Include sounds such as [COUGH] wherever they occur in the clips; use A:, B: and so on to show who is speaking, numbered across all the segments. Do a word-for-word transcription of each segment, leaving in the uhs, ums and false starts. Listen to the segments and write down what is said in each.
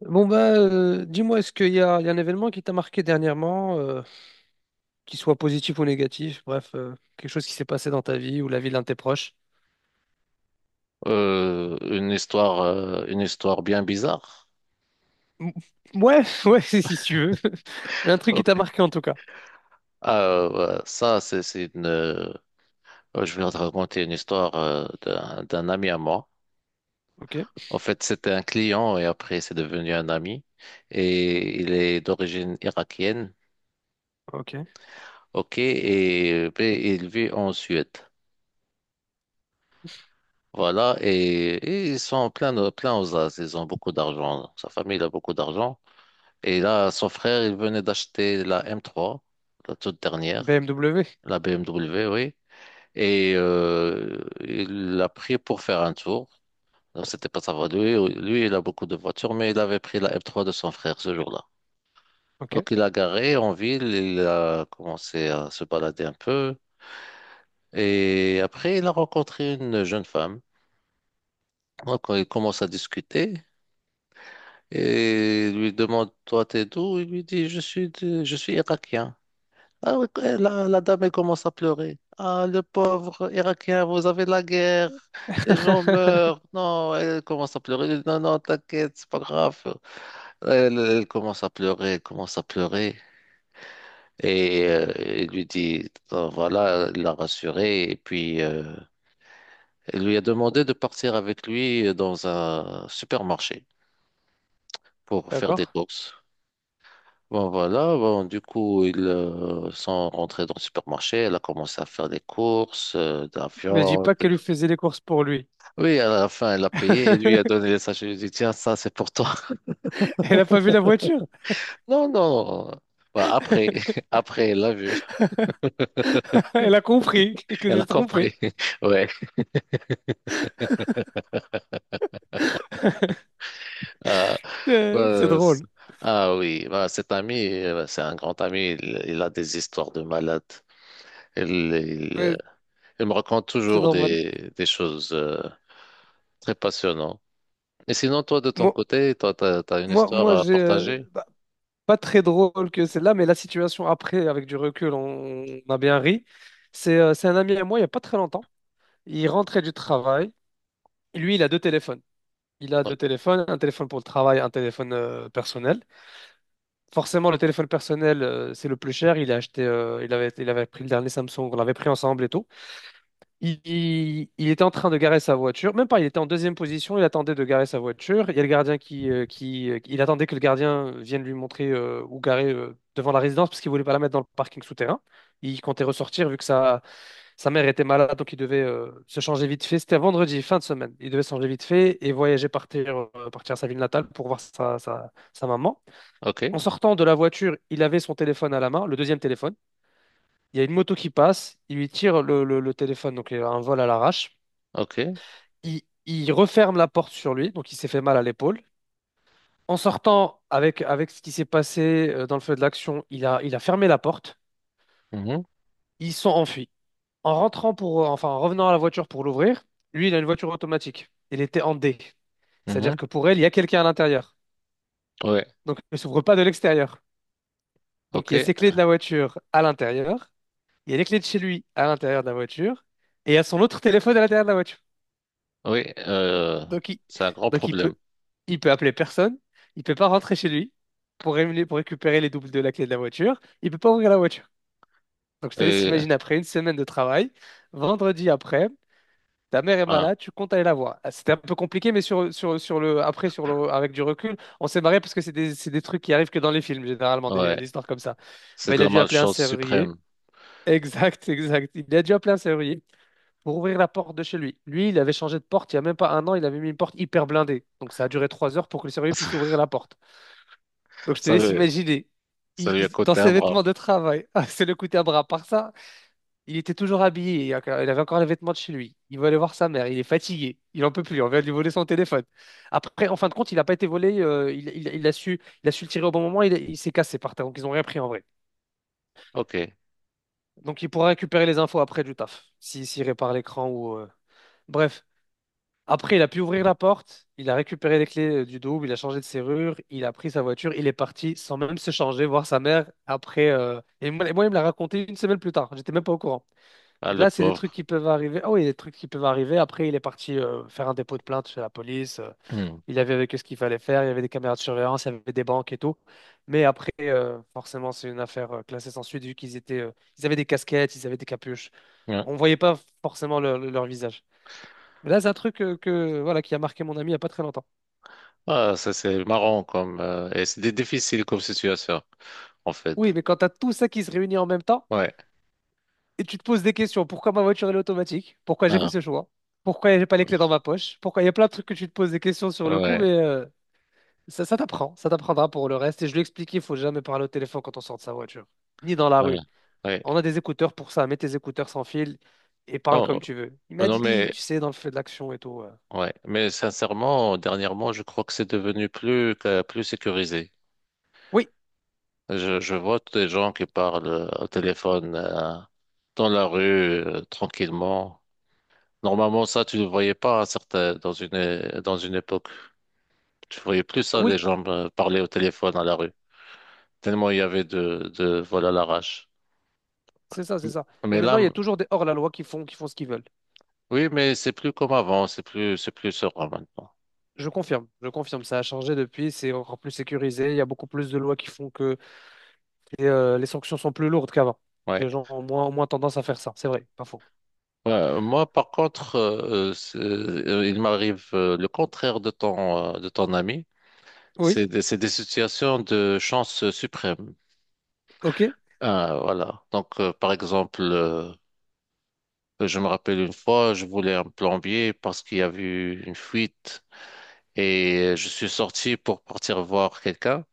A: Bon bah euh, dis-moi, est-ce qu'il y a, il y a un événement qui t'a marqué dernièrement, euh, qui soit positif ou négatif, bref, euh, quelque chose qui s'est passé dans ta vie ou la vie d'un de tes proches?
B: Euh, une histoire, euh, une histoire bien bizarre.
A: M- Ouais, [LAUGHS] ouais, si si tu veux. [LAUGHS] Mais un truc qui t'a
B: Ok.
A: marqué en tout cas.
B: Ah ouais, ça, c'est c'est une, euh, je vais te raconter une histoire euh, d'un d'un ami à moi.
A: Ok,
B: En fait, c'était un client et après, c'est devenu un ami. Et il est d'origine irakienne.
A: ok.
B: Ok. Et, euh, ben, il vit en Suède. Voilà. Et, et ils sont plein, de- plein aux as. Ils ont beaucoup d'argent. Sa famille a beaucoup d'argent. Et là, son frère, il venait d'acheter la m trois, la toute dernière.
A: B M W,
B: La B M W, oui. Et euh, il l'a pris pour faire un tour. Alors, c'était pas sa voie. Lui, lui, il a beaucoup de voitures, mais il avait pris la M trois de son frère ce jour-là.
A: ok.
B: Donc, il a garé en ville, il a commencé à se balader un peu. Et après, il a rencontré une jeune femme. Donc, il commence à discuter et il lui demande, toi, t'es d'où? Il lui dit, je suis, de- je suis irakien. Ah oui, eh, la, la dame elle commence à pleurer. Ah, le pauvre Irakien, vous avez la guerre, les gens meurent.
A: [LAUGHS]
B: Non, elle commence à pleurer. Non, non, t'inquiète, c'est pas grave. Elle, elle commence à pleurer, elle commence à pleurer. Et euh, il lui dit, ah, voilà, il l'a rassurée. Et puis, euh, elle lui a demandé de partir avec lui dans un supermarché pour faire des
A: D'accord.
B: courses. Bon, voilà, bon, du coup, ils euh, sont rentrés dans le supermarché, elle a commencé à faire des courses, euh, de la
A: Mais dis
B: viande.
A: pas qu'elle lui faisait les courses pour lui.
B: Oui, à la fin, elle a payé et lui a
A: [LAUGHS]
B: donné les sachets. Je lui ai dit, tiens, ça, c'est pour toi. [LAUGHS]
A: Elle a pas vu la voiture.
B: Non, non. Bah, après, [LAUGHS]
A: [LAUGHS]
B: après, elle l'a vu.
A: Elle a compris
B: [LAUGHS]
A: que
B: Elle a
A: c'est
B: compris.
A: trompé.
B: [LAUGHS]
A: [LAUGHS]
B: Ouais. Euh,
A: Euh, C'est
B: Bah, c-
A: drôle.
B: ah oui, bah, cet ami, euh, c'est un grand ami, il, il a des histoires de malade. Il, il, euh,
A: Ouais,
B: il me raconte
A: c'est
B: toujours
A: normal.
B: des, des choses euh, très passionnantes. Et sinon, toi, de ton
A: Moi,
B: côté, toi, t'as, t'as une
A: moi,
B: histoire
A: moi
B: à
A: j'ai.
B: partager?
A: Pas très drôle que celle-là, mais la situation après, avec du recul, on, on a bien ri. C'est euh, c'est un ami à moi, il n'y a pas très longtemps. Il rentrait du travail. Lui, il a deux téléphones. Il a
B: Ouais.
A: deux téléphones, un téléphone pour le travail, un téléphone euh, personnel. Forcément, le téléphone personnel, euh, c'est le plus cher. Il a acheté, euh, il avait, il avait pris le dernier Samsung, on l'avait pris ensemble et tout. Il, il- il était en train de garer sa voiture, même pas, il était en deuxième position, il attendait de garer sa voiture. Il y a le gardien qui, euh, qui, euh, il attendait que le gardien vienne lui montrer euh, où garer euh, devant la résidence parce qu'il voulait pas la mettre dans le parking souterrain. Il comptait ressortir vu que sa, sa mère était malade, donc il devait euh, se changer vite fait. C'était un vendredi, fin de semaine. Il devait se changer vite fait et voyager, partir, euh, partir à sa ville natale pour voir sa, sa, sa maman.
B: Ok,
A: En sortant de la voiture, il avait son téléphone à la main, le deuxième téléphone. Il y a une moto qui passe, il lui tire le, le- le téléphone, donc il a un vol à l'arrache,
B: ok,
A: il, il referme la porte sur lui, donc il s'est fait mal à l'épaule. En sortant avec, avec ce qui s'est passé euh, dans le feu de l'action, il a, il a fermé la porte.
B: mhm,
A: Ils sont enfuis. En rentrant pour, euh, enfin, en revenant à la voiture pour l'ouvrir, lui, il a une voiture automatique. Il était en D. C'est-à-dire
B: mhm.
A: que pour elle, il y a quelqu'un à l'intérieur.
B: Ouais,
A: Donc, elle ne s'ouvre pas de l'extérieur. Donc,
B: ok,
A: il y a ses clés de la voiture à l'intérieur. Il y a les clés de chez lui à l'intérieur de la voiture. Et il y a son autre téléphone à l'intérieur de la voiture.
B: oui, euh,
A: Donc il,
B: c'est un grand
A: donc il peut,
B: problème.
A: il peut appeler personne, il peut pas rentrer chez lui pour, rémunérer- pour récupérer les doubles de la clé de la voiture, il peut pas ouvrir la voiture. Donc je te laisse
B: Et,
A: imaginer après une semaine de travail, vendredi après, ta mère est
B: ah,
A: malade, tu comptes aller la voir. Ah, c'était un peu compliqué, mais sur, sur, sur le, après, sur le, avec du recul, on s'est marré parce que c'est des, c'est des trucs qui arrivent que dans les films, généralement, des,
B: ouais,
A: des histoires comme ça.
B: c'est
A: Ben,
B: de
A: il a
B: la
A: dû appeler un
B: malchance
A: serrurier.
B: suprême.
A: [LAUGHS] Exact, exact. Il a dû appeler un serrurier pour ouvrir la porte de chez lui. Lui, il avait changé de porte il n'y a même pas un an, il avait mis une porte hyper blindée. Donc ça a duré trois heures pour que le surveillant puisse ouvrir
B: [LAUGHS]
A: la porte. Donc je te
B: Ça
A: laisse
B: lui,
A: imaginer.
B: ça
A: Il-
B: lui a
A: il- dans
B: coûté un
A: ses
B: bras.
A: vêtements de travail, [LAUGHS] c'est le coup à bras. Par ça, il était toujours habillé. Il a- il avait encore les vêtements de chez lui. Il veut aller voir sa mère. Il est fatigué. Il en peut plus. On vient de lui voler son téléphone. Après, en fin de compte, il n'a pas été volé. Euh, il, il- il a su, il a su le tirer au bon moment. Il, il s'est cassé par terre. Donc ils n'ont rien pris en vrai.
B: Ok,
A: Donc il pourra récupérer les infos après du taf. Si, s'il répare l'écran ou. euh, Bref. Après, il a pu ouvrir la porte, il a récupéré les clés euh, du double, il a changé de serrure, il a pris sa voiture, il est parti sans même se changer, voir sa mère après. euh, Et moi, et moi, il me l'a raconté une semaine plus tard, j'étais même pas au courant.
B: ah,
A: Donc
B: le
A: là, c'est des trucs
B: pauvre.
A: qui peuvent arriver. Ah oui, des trucs qui peuvent arriver. Après, il est parti euh, faire un dépôt de plainte chez la police, euh,
B: Hmm.
A: il avait avec eux ce qu'il fallait faire, il y avait des caméras de surveillance, il y avait des banques et tout. Mais après, euh, forcément, c'est une affaire euh, classée sans suite vu qu'ils étaient, euh, ils avaient des casquettes, ils avaient des capuches.
B: Ouais.
A: On voyait pas forcément leur leur visage. Mais là, c'est un truc euh, que, voilà, qui a marqué mon ami il n'y a pas très longtemps.
B: Ah, ça, c'est marrant comme, euh, et c'est difficile comme situation, en
A: Oui,
B: fait.
A: mais quand tu as tout ça qui se réunit en même temps
B: Ouais,
A: et tu te poses des questions, pourquoi ma voiture elle est automatique? Pourquoi j'ai fait
B: ah,
A: ce choix? Pourquoi j'ai pas les clés dans ma poche? Pourquoi il y a plein de trucs que tu te poses des questions sur le coup,
B: ouais,
A: mais euh, ça, ça t'apprend, ça t'apprendra pour le reste. Et je lui ai expliqué, il faut jamais parler au téléphone quand on sort de sa voiture, ni dans la
B: ouais,
A: rue.
B: ouais.
A: On a des écouteurs pour ça, mets tes écouteurs sans fil et parle
B: Oh,
A: comme tu veux. Il m'a
B: non,
A: dit,
B: mais,
A: tu sais, dans le feu de l'action et tout. euh,
B: ouais, mais sincèrement, dernièrement, je crois que c'est devenu plus que- plus sécurisé.
A: Oui,
B: Je, je vois des gens qui parlent euh, au téléphone euh, dans la rue euh, tranquillement. Normalement, ça, tu ne voyais pas à certains- dans une é- dans une époque. Tu voyais plus ça, les
A: oui,
B: gens euh, parler au téléphone à la rue. Tellement il y avait de de vol à l'arrache.
A: c'est ça, c'est
B: M-
A: ça. Mais
B: Mais là,
A: maintenant, il y a
B: m-
A: toujours des hors-la-loi qui font, qui font ce qu'ils veulent.
B: oui, mais c'est plus comme avant. C'est plus c'est plus serein maintenant.
A: Je confirme, je confirme, ça a changé depuis, c'est encore plus sécurisé, il y a beaucoup plus de lois qui font que les, euh, les sanctions sont plus lourdes qu'avant. Donc
B: Ouais.
A: les gens ont moins, ont moins tendance à faire ça, c'est vrai, pas faux.
B: Ouais, moi, par contre, euh, euh, c'est- euh, il m'arrive euh, le contraire de ton, euh, de ton ami.
A: Oui,
B: C'est des, c'est des situations de chance suprême.
A: ok.
B: Ah, voilà. Donc, euh, par exemple, euh, je me rappelle une fois, je voulais un plombier parce qu'il y avait eu une fuite et je suis sorti pour partir voir quelqu'un.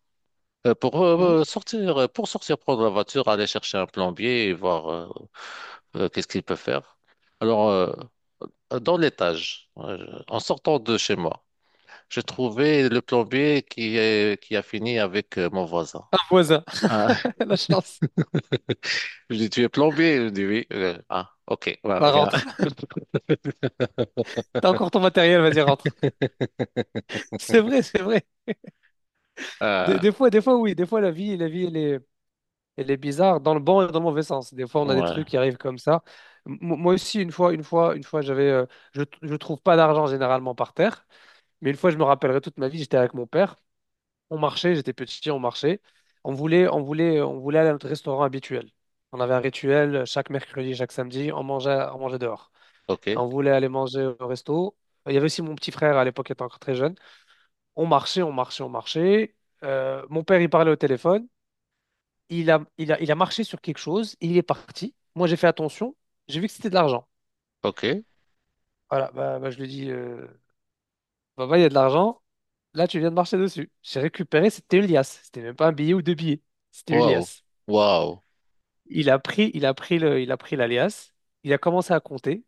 B: Euh, pour
A: Mhm.
B: euh, sortir, euh, pour sortir prendre la voiture, aller chercher un plombier et voir euh, euh, qu'est-ce qu'il peut faire. Alors, euh, euh, dans l'étage, euh, en sortant de chez moi. J'ai trouvé le plombier qui est, qui a fini avec euh, mon voisin.
A: Un voisin,
B: Ah, [LAUGHS]
A: [LAUGHS] la chance,
B: je lui dis, tu es plombier? Il me dit, oui. Euh, ah, ok, ouais,
A: va
B: viens.
A: rentre.
B: [LAUGHS]
A: T'as encore ton matériel, vas-y, rentre. [LAUGHS] C'est vrai, c'est vrai. Des,
B: Euh,
A: des fois, des fois, oui, des fois, la vie, la vie, elle est, elle est bizarre, dans le bon et dans le mauvais sens. Des fois, on a des
B: ouais,
A: trucs qui arrivent comme ça. M- moi aussi, une fois, une fois, une fois, j'avais, euh, je, je trouve pas d'argent généralement par terre, mais une fois, je me rappellerai toute ma vie, j'étais avec mon père. On marchait, j'étais petit, on marchait. On voulait, on voulait, on voulait aller à notre restaurant habituel. On avait un rituel chaque mercredi, chaque samedi, on mangeait, on mangeait dehors.
B: ok,
A: Et on voulait aller manger au resto. Il y avait aussi mon petit frère à l'époque, il était encore très jeune. On marchait, on marchait, on marchait. Euh, mon père, il parlait au téléphone. Il a, il a, il a marché sur quelque chose. Il est parti. Moi, j'ai fait attention. J'ai vu que c'était de l'argent.
B: ok.
A: Voilà, bah, bah, je lui dis. Dit, euh, papa, il y a de l'argent. Là, tu viens de marcher dessus. J'ai récupéré, c'était une liasse. C'était même pas un billet ou deux billets. C'était une
B: Waouh,
A: liasse.
B: waouh.
A: Il a pris, il a pris le, il a pris l'alias. Il a commencé à compter.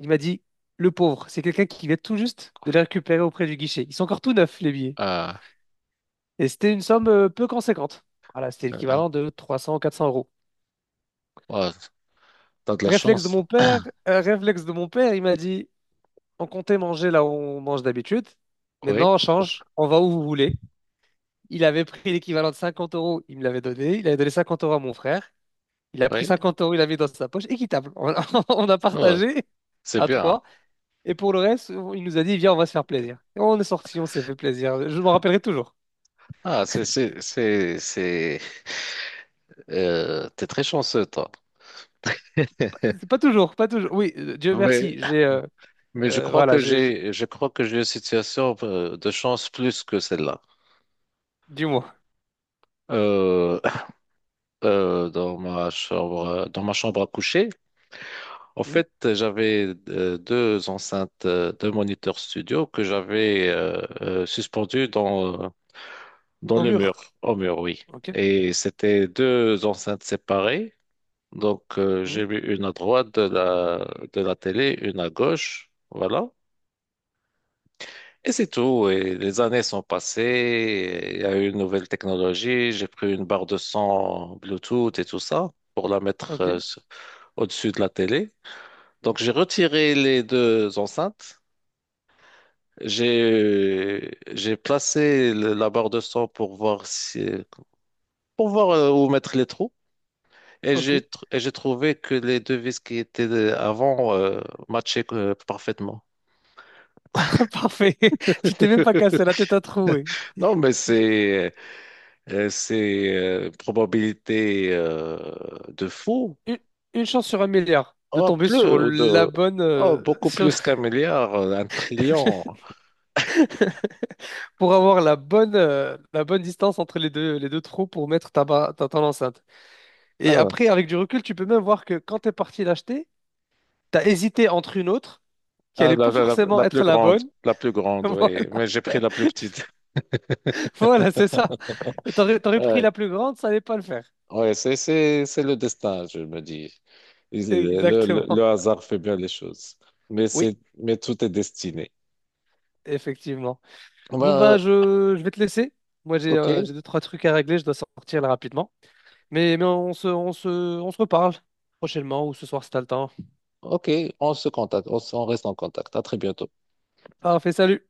A: Il m'a dit, le pauvre, c'est quelqu'un qui vient tout juste de les récupérer auprès du guichet. Ils sont encore tout neufs, les billets.
B: Ah,
A: Et c'était une somme euh, peu conséquente. Voilà, c'était
B: euh,
A: l'équivalent de trois cents, ou quatre cents euros.
B: ouais, t'as de la
A: Réflexe de
B: chance.
A: mon père, euh, réflexe de mon père, il m'a dit, on comptait manger là où on mange d'habitude.
B: Oui,
A: Maintenant, on change, on va où vous voulez. Il avait pris l'équivalent de cinquante euros, il me l'avait donné. Il avait donné cinquante euros à mon frère. Il a pris
B: oui.
A: cinquante euros, il l'avait mis dans sa poche. Équitable. On, [LAUGHS] on a
B: Ouais,
A: partagé
B: c'est
A: à
B: bien.
A: trois. Et pour le reste, il nous a dit, viens, on va se faire plaisir. Et on est sorti, on s'est fait plaisir. Je m'en rappellerai toujours.
B: Ah, c'est, c'est, c'est, c'est, euh, t'es très chanceux, toi.
A: Pas, pas toujours, pas toujours. Oui, euh, Dieu merci,
B: mais
A: j'ai euh,
B: Mais je
A: euh,
B: crois
A: voilà,
B: que
A: j'ai... j'ai-
B: j'ai, je crois que j'ai une situation euh, de chance plus que celle-là.
A: Dis-moi.
B: Euh, [LAUGHS] euh, dans ma chambre, dans ma chambre à coucher, en
A: Hmm.
B: fait, j'avais euh, deux enceintes, euh, deux moniteurs studio que j'avais euh, euh, suspendues dans euh, dans
A: Au
B: le mur,
A: mur.
B: au mur, oui.
A: Ok.
B: Et c'était deux enceintes séparées. Donc, euh,
A: Hmm.
B: j'ai mis une à droite de la de la télé, une à gauche, voilà. Et c'est tout. Et les années sont passées. Il y a eu une nouvelle technologie. J'ai pris une barre de son Bluetooth et tout ça pour la mettre euh,
A: Ok.
B: sur- au-dessus de la télé. Donc j'ai retiré les deux enceintes. J'ai j'ai placé le- la barre de son pour voir si pour voir euh, où mettre les trous. Et
A: Ok.
B: j'ai tr- et j'ai trouvé que les deux vis qui étaient euh, avant euh, matchaient euh, parfaitement.
A: [LAUGHS] Parfait. [LAUGHS] Tu t'es même pas cassé
B: [LAUGHS]
A: la tête à trouver.
B: Non, mais c'est Euh, c'est euh, probabilité euh, de fou.
A: Une, une chance sur un milliard de
B: Oh,
A: tomber sur
B: plus
A: la
B: de,
A: bonne...
B: oh,
A: euh,
B: beaucoup
A: sur-
B: plus qu'un milliard, euh, un trillion.
A: [LAUGHS] pour avoir la bonne, euh, la bonne distance entre les deux, les deux trous pour mettre ta, ba- ta, ton enceinte. Et
B: Ah,
A: après, avec du recul, tu peux même voir que quand t'es parti l'acheter, t'as hésité entre une autre qui
B: ah,
A: allait
B: la,
A: pas
B: la- la-
A: forcément
B: la plus
A: être la
B: grande,
A: bonne.
B: la plus
A: [LAUGHS]
B: grande,
A: Voilà,
B: oui. Mais j'ai pris la plus petite. [LAUGHS]
A: voilà, c'est ça. Et t'aurais, t'aurais pris
B: Ouais,
A: la plus grande, ça allait pas le faire.
B: ouais, c'est, c'est, c'est le destin, je me dis. Le, le- le
A: Exactement.
B: hasard fait bien les choses. Mais
A: Oui,
B: c'est, mais tout est destiné.
A: effectivement. Bon,
B: Ben,
A: ben je, je vais te laisser. Moi, j'ai
B: ok,
A: euh, j'ai deux, trois trucs à régler, je dois sortir là rapidement. Mais, mais on se, on se, on se reparle prochainement ou ce soir si t'as le temps.
B: ok, on se contacte, on, on reste en contact. À très bientôt.
A: Parfait, salut.